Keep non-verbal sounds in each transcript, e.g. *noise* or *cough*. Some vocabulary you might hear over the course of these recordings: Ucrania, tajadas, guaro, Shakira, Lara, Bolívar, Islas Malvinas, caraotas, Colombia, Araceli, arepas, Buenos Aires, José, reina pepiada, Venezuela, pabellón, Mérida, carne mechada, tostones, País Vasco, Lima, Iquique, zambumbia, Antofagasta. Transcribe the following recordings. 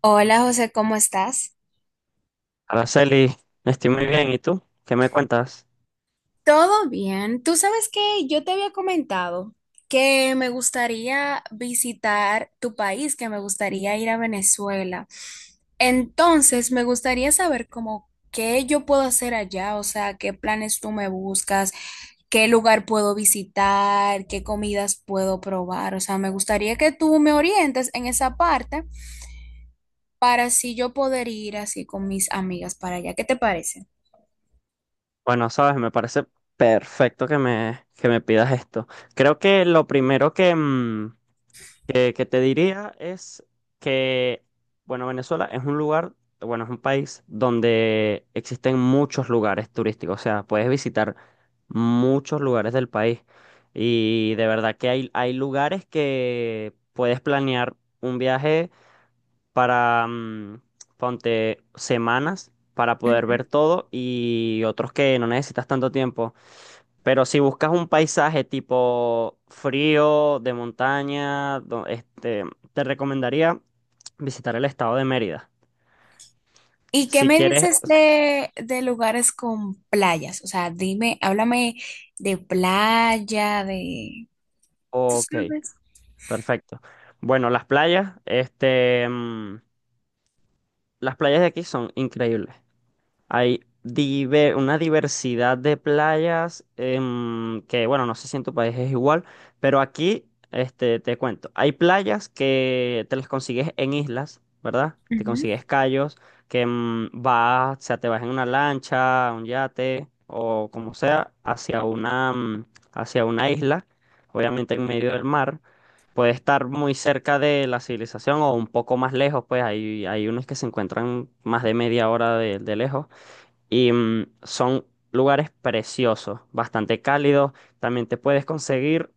Hola José, ¿cómo estás? Araceli, estoy muy bien. ¿Y tú? ¿Qué me cuentas? Todo bien. Tú sabes que yo te había comentado que me gustaría visitar tu país, que me gustaría ir a Venezuela. Entonces, me gustaría saber cómo qué yo puedo hacer allá, o sea, qué planes tú me buscas, qué lugar puedo visitar, qué comidas puedo probar. O sea, me gustaría que tú me orientes en esa parte para así yo poder ir así con mis amigas para allá. ¿Qué te parece? Bueno, sabes, me parece perfecto que me pidas esto. Creo que lo primero que te diría es que, bueno, Venezuela es un lugar, bueno, es un país donde existen muchos lugares turísticos. O sea, puedes visitar muchos lugares del país. Y de verdad que hay lugares que puedes planear un viaje para, mm, ponte semanas para poder ver todo y otros que no necesitas tanto tiempo. Pero si buscas un paisaje tipo frío, de montaña, te recomendaría visitar el estado de Mérida. ¿Y qué Si me quieres, dices de lugares con playas? O sea, dime, háblame de playa, de... ¿Tú ok, sabes? perfecto. Bueno, las playas de aquí son increíbles. Hay una diversidad de playas que, bueno, no sé si en tu país es igual, pero aquí te cuento. Hay playas que te las consigues en islas, ¿verdad? Te Ujú, consigues cayos, que vas, o sea, te vas en una lancha, un yate o como sea, hacia una isla, obviamente en medio del mar. Puede estar muy cerca de la civilización o un poco más lejos, pues hay unos que se encuentran más de media hora de lejos y son lugares preciosos, bastante cálidos. También te puedes conseguir,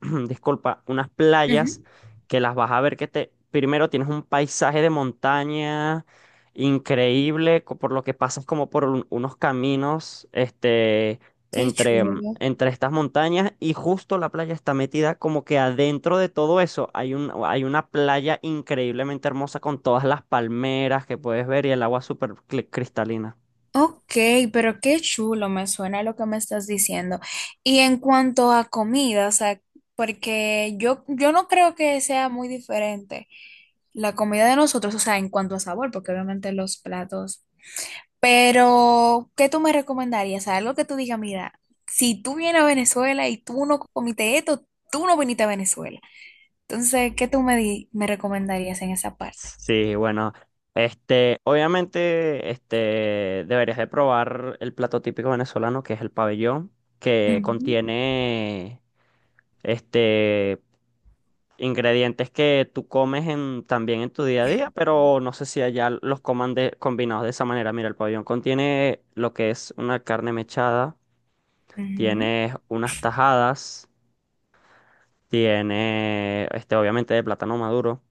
*clears throat* disculpa, unas playas ujú. que las vas a ver que te, primero tienes un paisaje de montaña increíble, por lo que pasas como por unos caminos, Qué chulo. entre estas montañas y justo la playa está metida como que adentro de todo eso hay un, hay una playa increíblemente hermosa con todas las palmeras que puedes ver y el agua súper cristalina. Ok, pero qué chulo, me suena lo que me estás diciendo. Y en cuanto a comida, o sea, porque yo no creo que sea muy diferente la comida de nosotros, o sea, en cuanto a sabor, porque obviamente los platos. Pero, ¿qué tú me recomendarías? Algo que tú digas, mira, si tú vienes a Venezuela y tú no comiste esto, tú no viniste a Venezuela. Entonces, ¿qué tú me, me recomendarías en esa parte? Sí, bueno, obviamente, deberías de probar el plato típico venezolano, que es el pabellón, que Ujú, contiene, este, ingredientes que tú comes en, también en tu día a día, pero no sé si allá los coman combinados de esa manera. Mira, el pabellón contiene lo que es una carne mechada, ujú. tienes unas tajadas, tiene, este, obviamente de plátano maduro.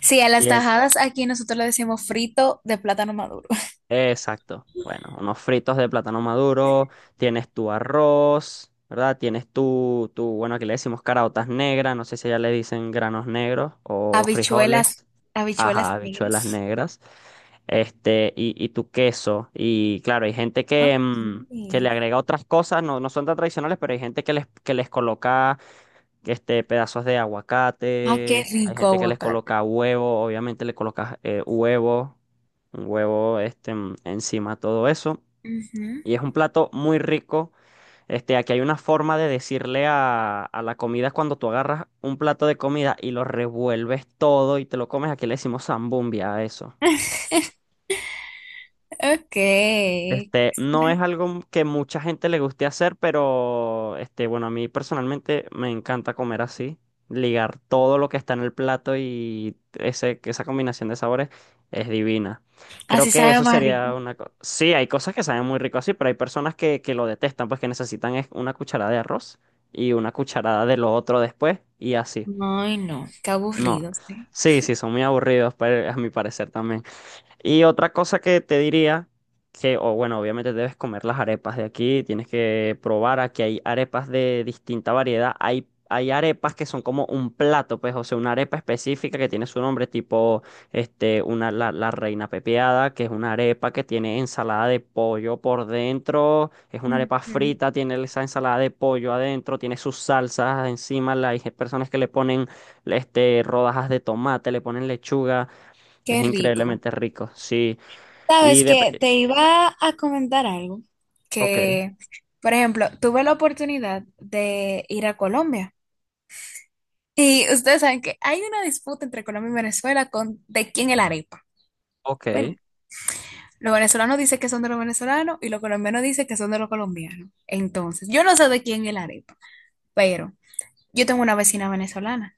Sí, a las tajadas aquí nosotros le decimos frito de plátano maduro. Exacto. Bueno, unos fritos de plátano maduro, tienes tu arroz, ¿verdad? Tienes tu, bueno, aquí le decimos caraotas negras, no sé si ya le dicen granos negros *laughs* o Habichuelas, frijoles, habichuelas ajá, habichuelas negras. negras, este, y tu queso. Y claro, hay gente Ok. Que le agrega otras cosas, no, no son tan tradicionales, pero hay gente que les coloca este, pedazos de Ah, qué aguacate, hay rico gente que les aguacate. coloca huevo, obviamente le colocas huevo, un huevo encima, todo eso. Ujú. Y es un plato muy rico. Este, aquí hay una forma de decirle a la comida cuando tú agarras un plato de comida y lo revuelves todo y te lo comes. Aquí le decimos zambumbia a eso. *laughs* Ok. Este, no es algo que mucha gente le guste hacer, pero este, bueno, a mí personalmente me encanta comer así, ligar todo lo que está en el plato y que esa combinación de sabores es divina. Creo Así que sabe eso más sería rico. una cosa. Sí, hay cosas que saben muy rico así, pero hay personas que lo detestan, pues que necesitan es una cucharada de arroz y una cucharada de lo otro después y así. Ay, no, qué No. aburrido, sí. Sí, sí, son muy aburridos, pero a mi parecer también. Y otra cosa que te diría, que, o bueno, obviamente debes comer las arepas de aquí, tienes que probar aquí hay arepas de distinta variedad. Hay arepas que son como un plato, pues, o sea, una arepa específica que tiene su nombre, tipo, la reina pepiada, que es una arepa que tiene ensalada de pollo por dentro, es una arepa Ujú. frita, tiene esa ensalada de pollo adentro, tiene sus salsas encima, hay personas que le ponen, este, rodajas de tomate, le ponen lechuga. Es Qué rico. increíblemente rico, sí. Y Sabes que de... te iba a comentar algo, Ok, que, por ejemplo, tuve la oportunidad de ir a Colombia y ustedes saben que hay una disputa entre Colombia y Venezuela con de quién es la arepa. Bueno, ok. los venezolanos dicen que son de los venezolanos y los colombianos dicen que son de los colombianos. Entonces, yo no sé de quién es la arepa, pero yo tengo una vecina venezolana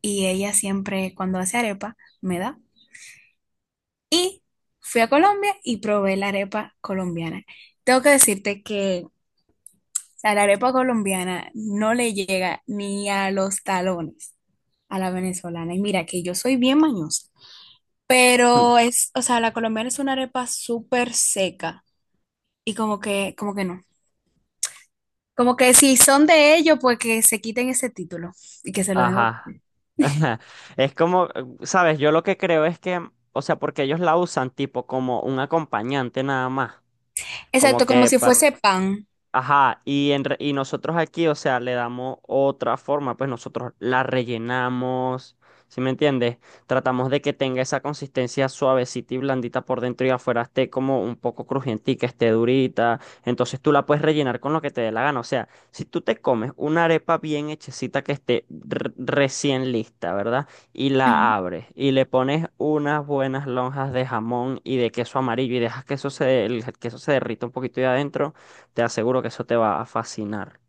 y ella siempre cuando hace arepa me da. Y fui a Colombia y probé la arepa colombiana. Tengo que decirte que, o sea, la arepa colombiana no le llega ni a los talones a la venezolana. Y mira que yo soy bien mañosa, Hmm. pero es, o sea, la colombiana es una arepa súper seca y como que no. Como que si son de ellos, pues que se quiten ese título y que se lo den otro. Ajá. *laughs* Ajá. Es como, ¿sabes? Yo lo que creo es que, o sea, porque ellos la usan tipo como un acompañante nada más. Como Exacto, como que si fuese pan. ajá, y, y nosotros aquí, o sea, le damos otra forma, pues nosotros la rellenamos, ¿sí me entiendes? Tratamos de que tenga esa consistencia suavecita y blandita por dentro y afuera esté como un poco crujientica, esté durita. Entonces tú la puedes rellenar con lo que te dé la gana. O sea, si tú te comes una arepa bien hechecita que esté recién lista, ¿verdad? Y la abres y le pones unas buenas lonjas de jamón y de queso amarillo y dejas que eso se, el queso se derrita un poquito de adentro. Te aseguro que eso te va a fascinar.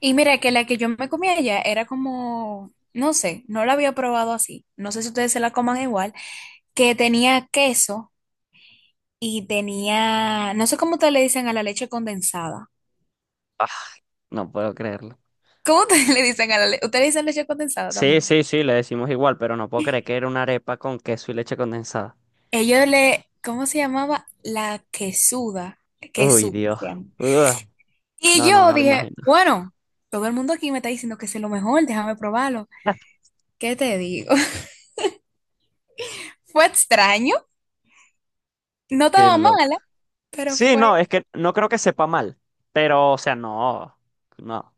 Y mira que la que yo me comí allá era como, no sé, no la había probado así. No sé si ustedes se la coman igual, que tenía queso y tenía, no sé cómo ustedes le dicen a la leche condensada. Ah, no puedo creerlo. ¿Cómo ustedes *laughs* le dicen a la leche? Ustedes le dicen leche condensada Sí, también. sí, sí, le decimos igual, pero no puedo creer que era una arepa con queso y leche condensada. Ellos le, ¿cómo se llamaba? La quesuda, Uy, quesú Dios. se llama. Ugh. Y No, no yo me lo dije, imagino. bueno, todo el mundo aquí me está diciendo que es lo mejor, déjame probarlo. *laughs* ¿Qué te digo? *laughs* Fue extraño, no Qué estaba loco. mala, pero Sí, fue no, es que no creo que sepa mal, pero, o sea, no, no.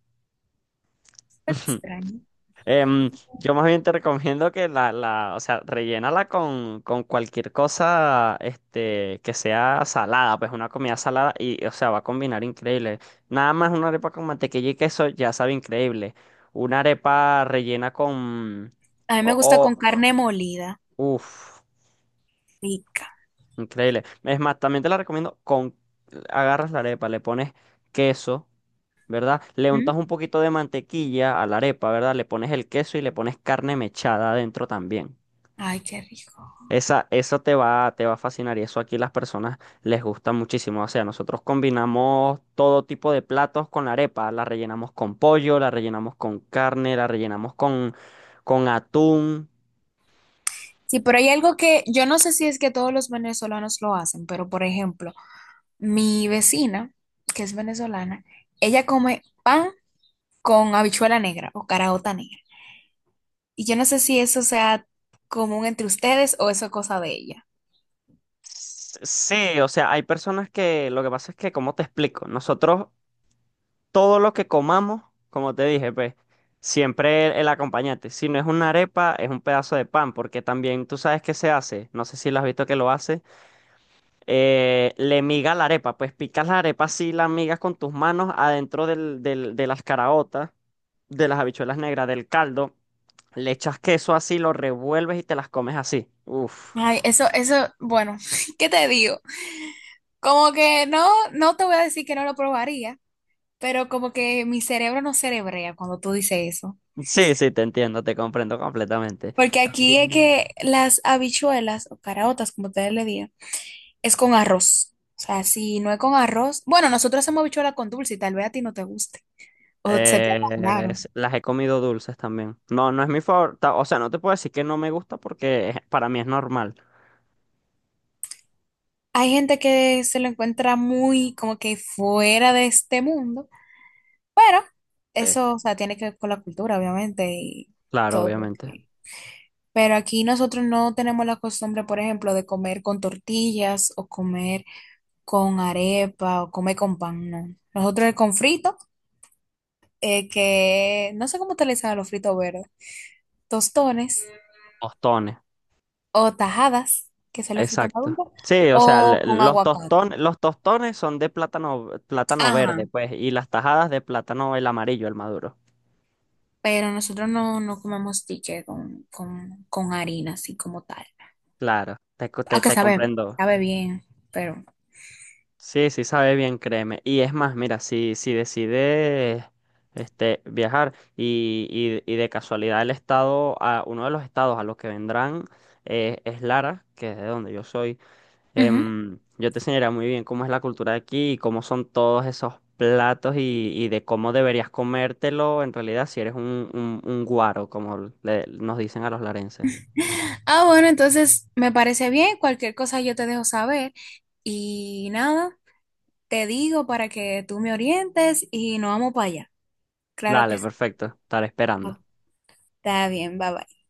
fue *laughs* extraño. Em, yo más bien te recomiendo que o sea, rellénala con cualquier cosa, este, que sea salada, pues una comida salada y, o sea, va a combinar increíble. Nada más una arepa con mantequilla y queso ya sabe increíble. Una arepa rellena con, A mí me gusta o, con carne molida, uff. rica. Increíble. Es más, también te la recomiendo con... Agarras la arepa, le pones queso, ¿verdad? Le untas ¿Mm? un poquito de mantequilla a la arepa, ¿verdad? Le pones el queso y le pones carne mechada adentro también. Ay, qué rico. Eso te va a fascinar y eso aquí las personas les gusta muchísimo. O sea, nosotros combinamos todo tipo de platos con la arepa. La rellenamos con pollo, la rellenamos con carne, la rellenamos con atún. Sí, pero hay algo que yo no sé si es que todos los venezolanos lo hacen, pero por ejemplo, mi vecina, que es venezolana, ella come pan con habichuela negra o caraota negra. Y yo no sé si eso sea común entre ustedes o eso es cosa de ella. S- Sí, o sea, hay personas que, lo que pasa es que, ¿cómo te explico? Nosotros todo lo que comamos, como te dije, pues siempre el acompañante. Si no es una arepa, es un pedazo de pan, porque también tú sabes qué se hace, no sé si lo has visto que lo hace, le miga la arepa, pues picas la arepa así, la migas con tus manos adentro de las caraotas, de las habichuelas negras, del caldo, le echas queso así, lo revuelves y te las comes así. Uf. Ay, eso, bueno, *laughs* ¿qué te digo? Como que no, no te voy a decir que no lo probaría, pero como que mi cerebro no cerebrea cuando tú dices eso. Sí, sí, te entiendo, te comprendo completamente. Porque aquí es También. que las habichuelas o caraotas, como ustedes le digan, es con arroz. O sea, si no es con arroz, bueno, nosotros hacemos habichuela con dulce y tal vez a ti no te guste o se te haga raro. Las he comido dulces también. No, no es mi favorita. O sea, no te puedo decir que no me gusta porque para mí es normal. Hay gente que se lo encuentra muy como que fuera de este mundo, pero Eh, eso, o sea, tiene que ver con la cultura, obviamente, y claro, todo lo obviamente. que... Pero aquí nosotros no tenemos la costumbre, por ejemplo, de comer con tortillas o comer con arepa o comer con pan, no. Nosotros es con frito, que no sé cómo utilizan los fritos verdes, tostones Tostones, o tajadas, que son los fritos exacto. maduros, Sí, o sea, o con aguacate. Los tostones son de plátano, plátano Ajá, verde, pues, y las tajadas de plátano el amarillo, el maduro. pero nosotros no, no comemos tiche con harina, así como tal. Claro, Aunque te sabe, comprendo. sabe bien, pero... Sí, sí sabe bien, créeme. Y es más, mira, si decides este, y de casualidad el estado, a, uno de los estados a los que vendrán es Lara, que es de donde yo soy, Ujú. em, yo te enseñaré muy bien cómo es la cultura de aquí y cómo son todos esos platos y de cómo deberías comértelo en realidad si eres un, un guaro, como nos dicen a los larenses. Ah, bueno, entonces me parece bien, cualquier cosa yo te dejo saber y nada, te digo para que tú me orientes y nos vamos para allá. Claro Dale, que sí. perfecto, estaré esperando. Está bien, bye bye.